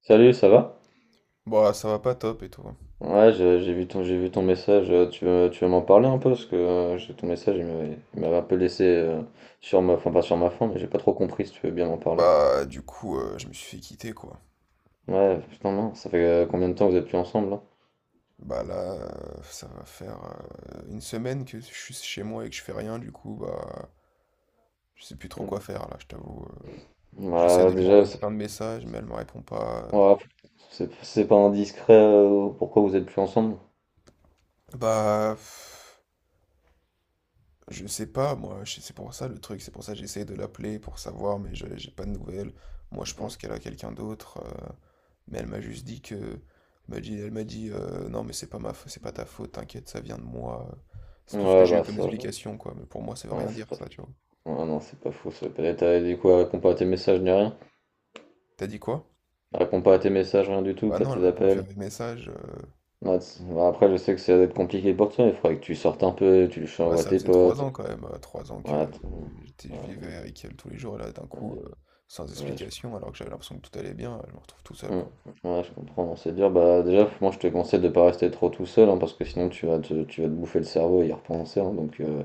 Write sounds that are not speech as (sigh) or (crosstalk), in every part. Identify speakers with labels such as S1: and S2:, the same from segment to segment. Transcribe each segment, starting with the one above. S1: Salut, ça va?
S2: Bah, ça va pas top et toi?
S1: Ouais, j'ai vu ton message. Tu veux m'en parler un peu? Parce que ton message, il m'avait un peu laissé sur ma, enfin pas sur ma faim, mais j'ai pas trop compris si tu veux bien m'en parler.
S2: Bah, du coup, je me suis fait quitter, quoi.
S1: Ouais, putain, non, ça fait combien de temps que vous êtes plus ensemble là?
S2: Bah, là, ça va faire, une semaine que je suis chez moi et que je fais rien, du coup, bah, je sais plus trop quoi faire, là, je t'avoue. J'essaie
S1: Bah,
S2: de lui
S1: déjà,
S2: renvoyer
S1: c'est
S2: plein de messages, mais elle me répond pas.
S1: ouais, c'est pas indiscret, pourquoi vous êtes plus ensemble?
S2: Bah, je sais pas, moi, c'est pour ça le truc, c'est pour ça que j'essaye de l'appeler pour savoir, mais j'ai pas de nouvelles. Moi, je pense qu'elle a quelqu'un d'autre, mais elle m'a juste dit que, m'a dit, elle m'a dit, non, mais c'est pas c'est pas ta faute, t'inquiète, ça vient de moi. C'est tout ce que
S1: Ouais,
S2: j'ai eu
S1: bah
S2: comme
S1: ça,
S2: explication, quoi. Mais pour moi, ça veut
S1: ouais,
S2: rien
S1: c'est
S2: dire,
S1: pas,
S2: ça, tu vois.
S1: ouais, non, c'est pas fou. Ça peut-être, t'as dit quoi? Répond pas à tes messages ni rien?
S2: T'as dit quoi?
S1: Réponds pas à tes messages, rien du tout,
S2: Bah
S1: pas
S2: non, elle
S1: tes
S2: répond plus à
S1: appels.
S2: mes messages.
S1: Ouais, ouais, après, je sais que ça va être compliqué pour toi, il faudrait que tu sortes un peu, tu le
S2: Bah
S1: envoies à
S2: ça
S1: tes
S2: faisait trois
S1: potes.
S2: ans quand même, 3 ans que
S1: Ouais,
S2: euh, j'étais, je
S1: ouais,
S2: vivais avec elle tous les jours, et là, d'un coup, sans
S1: ouais,
S2: explication, alors que j'avais l'impression que tout allait bien, je me retrouve tout seul,
S1: hum,
S2: quoi.
S1: ouais, je comprends, non, c'est dur. Bah, déjà, moi, je te conseille de pas rester trop tout seul, hein, parce que sinon, tu vas te bouffer le cerveau et y repenser, hein. Donc,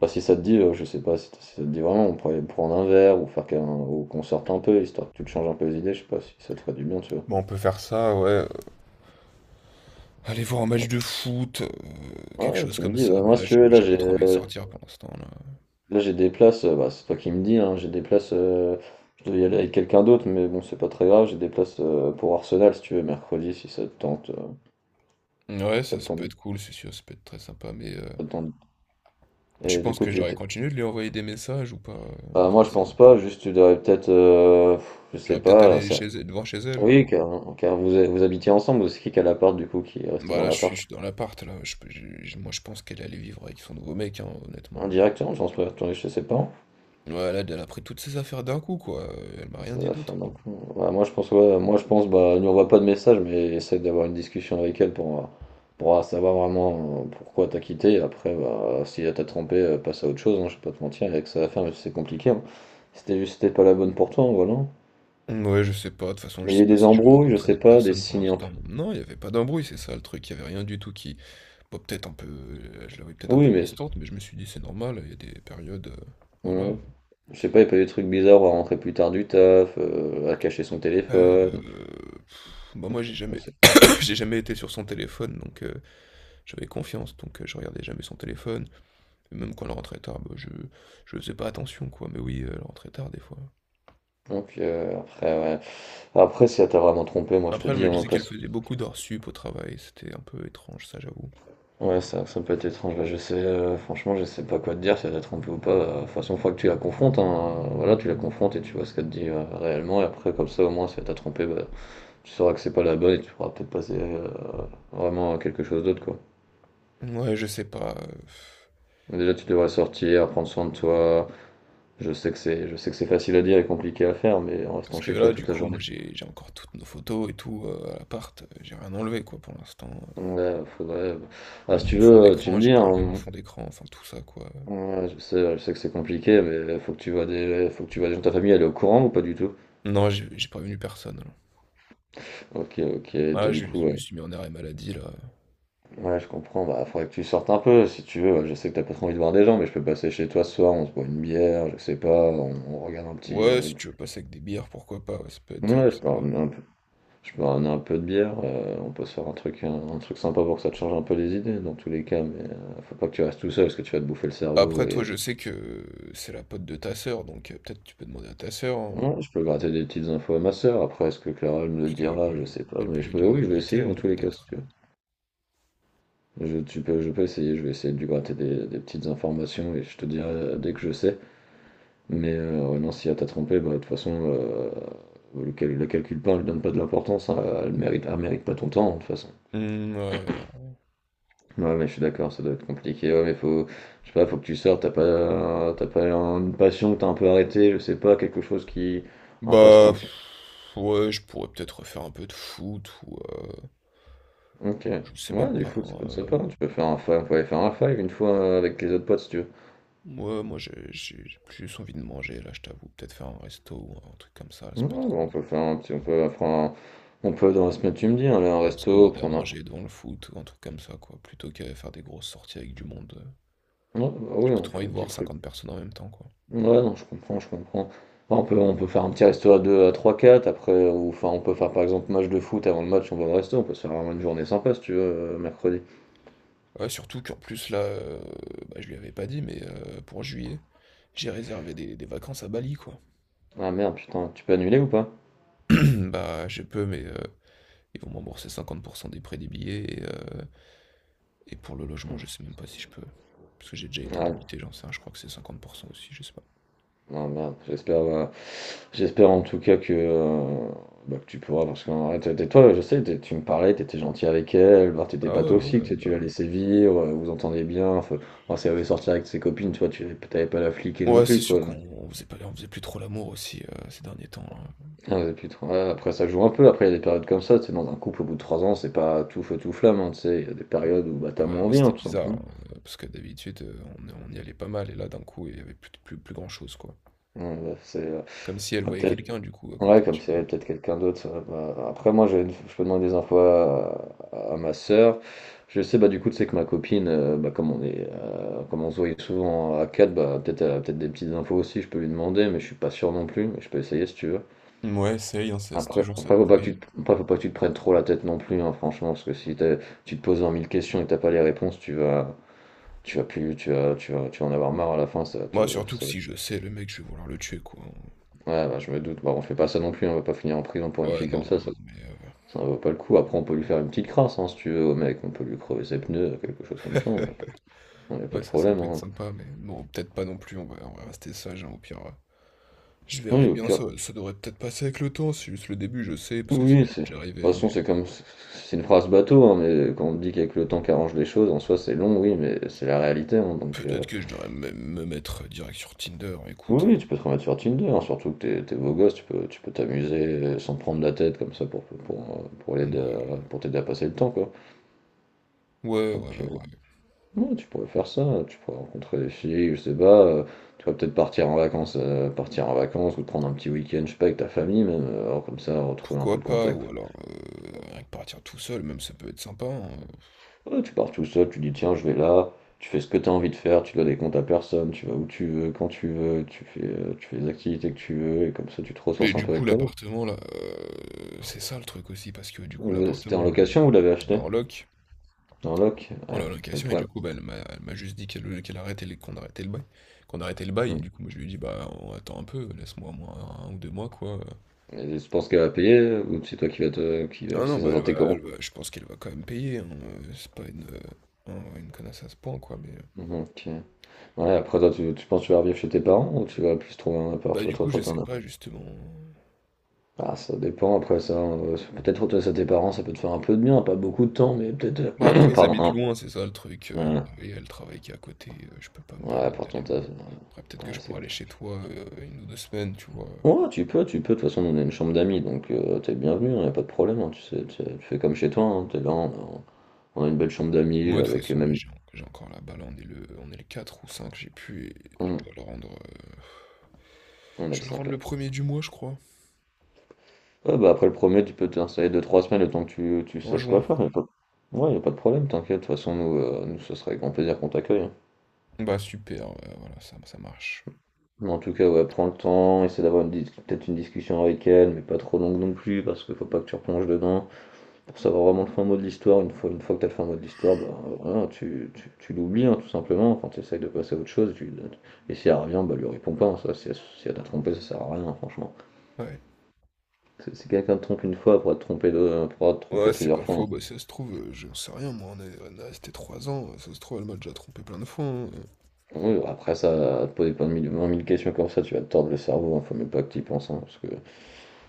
S1: bah, si ça te dit, je sais pas si, si ça te dit vraiment, on pourrait prendre un verre ou faire qu'un, ou qu'on sorte un peu, histoire que tu te changes un peu les idées, je sais pas si ça te ferait du bien, tu vois.
S2: Bon, on peut faire ça, ouais. Aller voir un match
S1: Ouais,
S2: de foot, quelque
S1: ouais,
S2: chose
S1: tu me
S2: comme
S1: dis,
S2: ça.
S1: bah,
S2: Mais
S1: moi,
S2: là,
S1: si tu veux,
S2: j'avoue, j'ai pas trop envie de sortir pour l'instant, là.
S1: là, j'ai des places, bah, c'est toi qui me dis, hein, j'ai des places, je devais y aller avec quelqu'un d'autre, mais bon, c'est pas très grave, j'ai des places pour Arsenal si tu veux, mercredi, si ça te tente.
S2: Ouais,
S1: Ça
S2: ça,
S1: te
S2: ça peut
S1: tente,
S2: être cool, c'est sûr, ça peut être très sympa. Mais
S1: ça te tente.
S2: tu
S1: Et du
S2: penses
S1: coup,
S2: que
S1: tu
S2: j'aurais
S1: étais.
S2: continué de lui envoyer des messages ou pas? Ou
S1: Bah, moi,
S2: je
S1: je
S2: sais
S1: pense
S2: pas.
S1: pas, juste tu devrais peut-être, je sais
S2: J'aurais peut-être
S1: pas,
S2: allé chez elle, devant chez elle
S1: oui,
S2: pour.
S1: car vous, vous habitiez ensemble, ou c'est qui a l'appart du coup qui est resté
S2: Bah
S1: dans
S2: là, je
S1: l'appart?
S2: suis dans l'appart, là. Je, peux- j'ai- moi, je pense qu'elle allait vivre avec son nouveau mec, hein, honnêtement.
S1: Indirectement, je pense pas, attendez, je sais pas.
S2: Ouais, là, elle a pris toutes ses affaires d'un coup, quoi. Elle m'a rien
S1: Ça
S2: dit
S1: la fin
S2: d'autre,
S1: non
S2: quoi.
S1: plus. Ouais, moi je pense bah nous envoie pas de message mais essaie d'avoir une discussion avec elle pour savoir vraiment pourquoi t'as quitté et après bah si elle t'a trompé, passe à autre chose, hein, je vais pas te mentir avec ça, sa femme c'est compliqué, hein. C'était pas la bonne pour toi, hein, voilà.
S2: Ouais, je sais pas, de toute façon,
S1: Mais
S2: je
S1: il y a
S2: sais
S1: eu
S2: pas
S1: des
S2: si je vais
S1: embrouilles, je
S2: rencontrer
S1: sais
S2: d'autres
S1: pas, des
S2: personnes pour
S1: signes un peu.
S2: l'instant. Non, il y avait pas d'embrouille, c'est ça le truc, il y avait rien du tout qui, Bon, peut-être un peu, je l'avais peut-être un
S1: Oui
S2: peu
S1: mais
S2: distante, mais je me suis dit c'est normal, il y a des périodes, voilà.
S1: ouais. Je sais pas, il y a pas eu des trucs bizarres, à rentrer plus tard du taf, à cacher son
S2: Euh,
S1: téléphone,
S2: pff, bah moi j'ai
S1: je
S2: jamais,
S1: sais.
S2: (coughs) j'ai jamais été sur son téléphone, donc j'avais confiance, donc je regardais jamais son téléphone. Et même quand elle rentrait tard, bah, je faisais pas attention quoi, mais oui, elle rentrait tard des fois.
S1: Donc après ouais. Après si elle t'a vraiment trompé, moi je te
S2: Après elle
S1: dis,
S2: me
S1: hein,
S2: disait qu'elle
S1: passe.
S2: faisait beaucoup d'heures sup au travail, c'était un peu étrange ça j'avoue.
S1: Ouais, ça peut être étrange. Bah, je sais, franchement, je sais pas quoi te dire, si elle t'a trompé ou pas. De toute façon, une fois que tu la confrontes, hein, voilà, tu la confrontes et tu vois ce qu'elle te dit réellement. Et après, comme ça, au moins, si elle t'a trompé, bah, tu sauras que c'est pas la bonne et tu pourras peut-être passer vraiment à quelque chose d'autre, quoi.
S2: Ouais, je sais pas.
S1: Mais déjà, tu devrais sortir, prendre soin de toi. Je sais que c'est facile à dire et compliqué à faire, mais en
S2: Parce
S1: restant
S2: que
S1: chez toi
S2: là, du
S1: toute la
S2: coup,
S1: journée.
S2: moi, j'ai encore toutes nos photos et tout à l'appart. J'ai rien enlevé, quoi, pour l'instant.
S1: Ouais, faudrait, ah, si
S2: Même mon
S1: tu
S2: fond
S1: veux, tu
S2: d'écran,
S1: me
S2: j'ai
S1: dis,
S2: pas enlevé mon
S1: hein.
S2: fond d'écran, enfin tout ça quoi.
S1: Ouais, je sais que c'est compliqué, mais faut que tu vois des, faut que tu vois des gens de ta famille, elle est au courant ou pas du tout?
S2: Non, j'ai prévenu personne, là.
S1: Ok, ok, t'as
S2: Ah,
S1: du coup,
S2: je me
S1: ouais.
S2: suis mis en arrêt maladie là.
S1: Ouais, je comprends, bah faudrait que tu sortes un peu si tu veux. Ouais, je sais que t'as pas trop envie de voir des gens, mais je peux passer chez toi ce soir, on se boit une bière, je sais pas, on regarde un petit.
S2: Ouais, si tu veux passer avec des bières, pourquoi pas, ouais, ça peut être
S1: Ouais,
S2: sympa.
S1: je peux ramener un peu de bière, on peut se faire un truc, un truc sympa pour que ça te change un peu les idées dans tous les cas, mais faut pas que tu restes tout seul parce que tu vas te bouffer le cerveau
S2: Après
S1: et.
S2: toi, je sais que c'est la pote de ta sœur, donc peut-être tu peux demander à ta sœur, hein,
S1: Ouais, je peux gratter des petites infos à ma sœur, après est-ce que Clara elle me le
S2: parce qu'elle
S1: dira,
S2: peut
S1: je sais pas,
S2: elle peut
S1: mais
S2: lui dire la
S1: oui, je vais
S2: vérité
S1: essayer dans
S2: elle,
S1: tous les cas si
S2: peut-être,
S1: tu veux.
S2: hein?
S1: Tu peux, je peux essayer, je vais essayer de lui gratter des petites informations et je te dirai dès que je sais. Mais ouais, non, si elle t'a trompé, bah, de toute façon, le calcul pas, elle donne pas de l'importance, hein, elle mérite pas ton temps, hein, de toute façon.
S2: Mmh, ouais, bah, ouais.
S1: Ouais, mais je suis d'accord, ça doit être compliqué. Ouais, mais je sais pas, faut que tu sortes, t'as pas une passion que t'as un peu arrêtée, je sais pas, quelque chose qui, un
S2: Bah,
S1: passe-temps que tu.
S2: ouais, je pourrais peut-être refaire un peu de foot ou,
S1: Ok.
S2: je sais
S1: Ouais,
S2: même
S1: du
S2: pas,
S1: foot, ça
S2: hein,
S1: peut être
S2: euh.
S1: sympa, hein. Tu peux faire un five, on peut aller faire un five une fois avec les autres potes si tu veux.
S2: Moi, plus envie de manger, là, je t'avoue. Peut-être faire un resto ou un truc comme ça
S1: Ouais,
S2: peut être
S1: bah,
S2: cool.
S1: on peut dans la semaine, tu me dis, aller à un
S2: Ou alors se
S1: resto,
S2: commander à
S1: prendre
S2: manger devant le foot ou un truc comme ça, quoi. Plutôt qu'à faire des grosses sorties avec du monde.
S1: un. Ouais, bah
S2: J'ai
S1: oui,
S2: plus
S1: on
S2: trop envie
S1: fait un
S2: de
S1: petit
S2: voir
S1: truc.
S2: 50 personnes en même temps, quoi.
S1: Ouais, non, je comprends, je comprends. Enfin, on peut faire un petit resto à 2 à trois quatre après, ou enfin, on peut faire par exemple match de foot avant le match, on va au resto, on peut se faire vraiment une journée sympa si tu veux, mercredi.
S2: Ouais, surtout qu'en plus, là, bah, je lui avais pas dit, mais pour juillet, j'ai réservé des vacances à Bali, quoi.
S1: Ah merde, putain, tu peux annuler ou pas?
S2: (clears throat) Bah, je peux, mais ils vont me rembourser 50% des prix des billets. Et pour le logement, je sais même pas si je peux. Parce que j'ai déjà été
S1: Ah,
S2: débité, j'en sais rien, je crois que c'est 50% aussi, je sais pas.
S1: ah, merde, j'espère en tout cas que, bah, que tu pourras, parce que toi, je sais, tu me parlais, t'étais gentil avec elle, bah, t'étais
S2: Ah
S1: pas
S2: ouais, ouais,
S1: toxique, tu
S2: ouais.
S1: l'as laissé vivre, vous entendez bien, enfin, enfin, si elle avait sorti avec ses copines, tu vois, tu t'avais pas la fliquer non
S2: Ouais, Mmh. C'est
S1: plus,
S2: sûr
S1: quoi.
S2: qu'on faisait pas on faisait plus trop l'amour aussi, ces derniers temps, hein.
S1: Ah ouais, depuis ouais, après ça joue un peu, après il y a des périodes comme ça, tu sais, dans un couple au bout de 3 ans, c'est pas tout feu tout flamme, hein, tu sais, il y a des périodes où bah t'as
S2: Ouais,
S1: moins
S2: mais
S1: envie,
S2: c'était
S1: hein, tout
S2: bizarre,
S1: simplement.
S2: hein, parce que d'habitude, on y allait pas mal et là, d'un coup, il y avait plus grand chose, quoi.
S1: Ouais, bah, c'est
S2: Comme si elle
S1: bah,
S2: voyait
S1: peut-être
S2: quelqu'un, du coup, à
S1: ouais,
S2: côté,
S1: comme
S2: tu
S1: s'il y
S2: vois?
S1: avait peut-être quelqu'un d'autre. Ça, bah, après moi je peux demander des infos à ma sœur. Je sais bah du coup tu sais que ma copine, bah comme on se voyait souvent à 4, bah peut-être elle a peut-être des petites infos aussi, je peux lui demander, mais je suis pas sûr non plus, mais je peux essayer si tu veux.
S2: Mouais, essaye, hein, ça c'est
S1: Après,
S2: toujours ça de
S1: après, faut pas que
S2: pris.
S1: tu te, après, faut pas que tu te prennes trop la tête non plus, hein, franchement, parce que si tu te poses 20 mille questions et t'as pas les réponses, tu vas en avoir marre à la fin, ça va te,
S2: Moi surtout que
S1: ça va-
S2: si je sais, le mec, je vais vouloir le tuer, quoi, hein.
S1: ouais, bah, je me doute. Bah, on fait pas ça non plus, hein, on va pas finir en prison pour une
S2: Ouais,
S1: fille comme
S2: non, non,
S1: ça,
S2: non, mais
S1: ça en vaut pas le coup. Après, on peut lui faire une petite crasse, hein, si tu veux, au mec, on peut lui crever ses pneus, quelque chose comme ça, on n'a pas, on a
S2: (laughs)
S1: pas
S2: ouais,
S1: de
S2: ça
S1: problème,
S2: peut être
S1: hein.
S2: sympa, mais bon peut-être pas non plus, on va rester sage, hein, au pire, je verrai
S1: Oui, au
S2: bien,
S1: pire,
S2: ça devrait peut-être passer avec le temps, c'est juste le début, je sais, parce que ça
S1: oui,
S2: m'était
S1: de
S2: déjà
S1: toute
S2: arrivé, mais
S1: façon, c'est une phrase bateau, hein, mais quand on dit qu'avec le temps qu'arrange les choses, en soi, c'est long, oui, mais c'est la réalité, hein, donc.
S2: Peut-être que je devrais même me mettre direct sur Tinder, écoute.
S1: Oui, tu peux te remettre sur Tinder, hein, surtout que t'es beau gosse, tu peux t'amuser sans te prendre la tête comme ça
S2: Ouais,
S1: pour t'aider à passer le temps, quoi.
S2: ouais, ouais.
S1: Donc
S2: Ouais.
S1: ouais, tu pourrais faire ça, tu pourrais rencontrer des filles, je sais pas, tu pourrais peut-être partir en vacances ou te prendre un petit week-end, je sais pas, avec ta famille même, alors comme ça retrouver un peu de
S2: Pourquoi pas?
S1: contact.
S2: Ou alors, rien que partir tout seul, même ça peut être sympa. Hein.
S1: Ouais, tu pars tout seul, tu dis tiens je vais là, tu fais ce que t'as envie de faire, tu dois des comptes à personne, tu vas où tu veux, quand tu veux, tu fais les activités que tu veux et comme ça tu te
S2: Mais
S1: ressources un
S2: du
S1: peu
S2: coup,
S1: avec toi-même.
S2: l'appartement, là, c'est ça le truc aussi, parce que du coup,
S1: C'était
S2: l'appartement,
S1: en location, vous
S2: on
S1: l'avez
S2: l'a
S1: acheté?
S2: en loc,
S1: Dans lock
S2: on
S1: ouais.
S2: l'a en
S1: Mais le
S2: location, et du
S1: problème.
S2: coup, bah, elle m'a juste dit qu'elle arrêtait, qu'on arrêtait le bail. Qu'on arrêtait le bail, et
S1: Hmm.
S2: du coup, moi, je lui ai dit, bah, on attend un peu, laisse-moi moi 1 ou 2 mois, quoi.
S1: Et tu penses qu'elle va payer ou c'est toi qui va te. Qui va...
S2: Ah
S1: Parce
S2: non,
S1: que
S2: bah,
S1: ça sortait comment?
S2: je pense qu'elle va quand même payer, hein, c'est pas une connasse à ce point, quoi, mais.
S1: Mhm, ok. Ouais, après toi, tu penses que tu vas revivre chez tes parents ou tu vas plus trouver un appart,
S2: Bah,
S1: toi,
S2: du
S1: toi,
S2: coup,
S1: toi,
S2: je sais
S1: t'en as?
S2: pas justement.
S1: Ah, ça dépend après ça, peut-être toi chez tes parents, ça peut te faire un peu de bien, pas beaucoup de temps, mais peut-être,
S2: Bah, après,
S1: (clears throat)
S2: ils habitent
S1: pardon,
S2: loin, c'est ça le truc,
S1: hein.
S2: et il y a le travail qui est à côté, je peux pas me
S1: Ouais, ouais,
S2: permettre
S1: pour
S2: d'aller
S1: ton
S2: loin.
S1: taf. Ouais,
S2: Après, peut-être que
S1: ouais,
S2: je
S1: c'est
S2: pourrais aller chez toi, 1 ou deux semaines, tu vois?
S1: ouais, tu peux. De toute façon, nous, on a une chambre d'amis, donc t'es bienvenu, hein, y a pas de problème, hein, tu sais, tu fais comme chez toi, hein, t'es là, a, on a une belle chambre d'amis
S2: Moi, de toute
S1: avec
S2: façon, là,
S1: même.
S2: j'ai encore la balle, on est le 4 ou 5 j'ai pu et je
S1: On,
S2: dois le rendre, heu,
S1: on a
S2: je
S1: le
S2: dois le
S1: 5
S2: rendre
S1: là.
S2: le 1er du mois, je crois,
S1: Ouais, bah après le premier, tu peux t'installer 2 trois semaines le temps que tu
S2: en
S1: saches quoi
S2: juin.
S1: faire. Y a pas... Ouais, y a pas de problème, t'inquiète. De toute façon, nous, ce serait avec grand plaisir qu'on t'accueille, hein.
S2: Bah, super, ouais, voilà, ça marche.
S1: Mais en tout cas, ouais, prends le temps, essaie d'avoir une peut-être une discussion avec elle, mais pas trop longue non plus, parce qu'il faut pas que tu replonges dedans. Pour savoir vraiment le fin mot de l'histoire, une fois que t'as le fin mot de l'histoire, bah voilà, tu l'oublies, hein, tout simplement. Enfin, tu essayes de passer à autre chose, tu, et si elle revient, bah lui réponds pas, hein, si elle t'a trompé, ça sert à rien, hein, franchement.
S2: Ouais.
S1: Si quelqu'un te trompe une fois, elle pourra te tromper, deux, elle pourra te tromper
S2: Ouais, c'est
S1: plusieurs
S2: pas
S1: fois, hein.
S2: faux, bah, si ça se trouve, j'en sais rien moi, on est restés 3 ans, ça se trouve, elle m'a déjà trompé plein de fois, hein,
S1: Oui, après ça, à te poser 20 000 questions comme ça, tu vas te tordre le cerveau, hein, faut même pas que tu y penses, hein, parce que,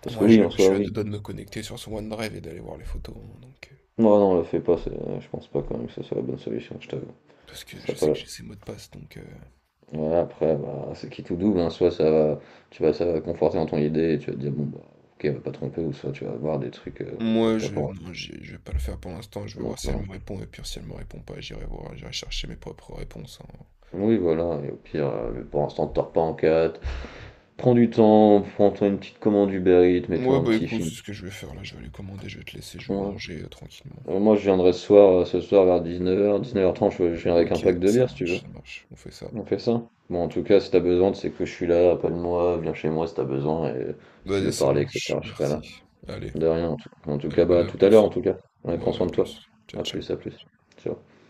S1: parce que
S2: Moi,
S1: oui, en
S2: je
S1: soi,
S2: suis à deux
S1: oui.
S2: doigts de me connecter sur son OneDrive et d'aller voir les photos. Hein, donc,
S1: Non, non, le fais pas, je pense pas quand même que ce soit la bonne solution, je t'avoue.
S2: parce que
S1: Ça
S2: je
S1: serait pas
S2: sais que
S1: la-
S2: j'ai ses mots de passe. Donc,
S1: Voilà, après, bah, c'est qui tout double, hein, soit ça va, ça va conforter dans ton idée, et tu vas te dire, bon, bah, ok, elle va pas tromper, ou soit tu vas voir des trucs, bah,
S2: moi,
S1: que t'as
S2: je,
S1: pas envie.
S2: non, j'ai- je vais pas le faire pour l'instant. Je vais voir
S1: Donc,
S2: si elle
S1: non.
S2: me répond. Et puis, si elle me répond pas, j'irai voir. J'irai chercher mes propres réponses. Hein.
S1: Oui, voilà, et au pire, mais pour l'instant, te tords pas en quatre. Prends du temps, prends-toi une petite commande Uber Eats, mets-toi
S2: Ouais,
S1: un
S2: bah
S1: petit
S2: écoute,
S1: film.
S2: c'est ce que je vais faire là. Je vais lui commander. Je vais te laisser. Je vais
S1: Ouais,
S2: manger tranquillement.
S1: Moi, je viendrai ce soir vers 19h, 19h30, je viendrai avec un
S2: Ok,
S1: pack de
S2: ça
S1: bière si tu veux.
S2: marche, ça marche. On fait ça.
S1: On fait ça. Bon, en tout cas, si t'as besoin, tu sais que je suis là, appelle-moi, viens chez moi si t'as besoin, et si tu
S2: Vas-y,
S1: veux
S2: ça
S1: parler,
S2: marche.
S1: etc., je serai là.
S2: Merci. Allez,
S1: De rien, en tout, en tout
S2: allez,
S1: cas, bah, à
S2: allez, à
S1: tout à l'heure, en
S2: plus.
S1: tout cas. Allez, prends
S2: Ouais,
S1: soin
S2: à
S1: de toi.
S2: plus. Ciao,
S1: À
S2: ciao.
S1: plus, à plus. Ciao.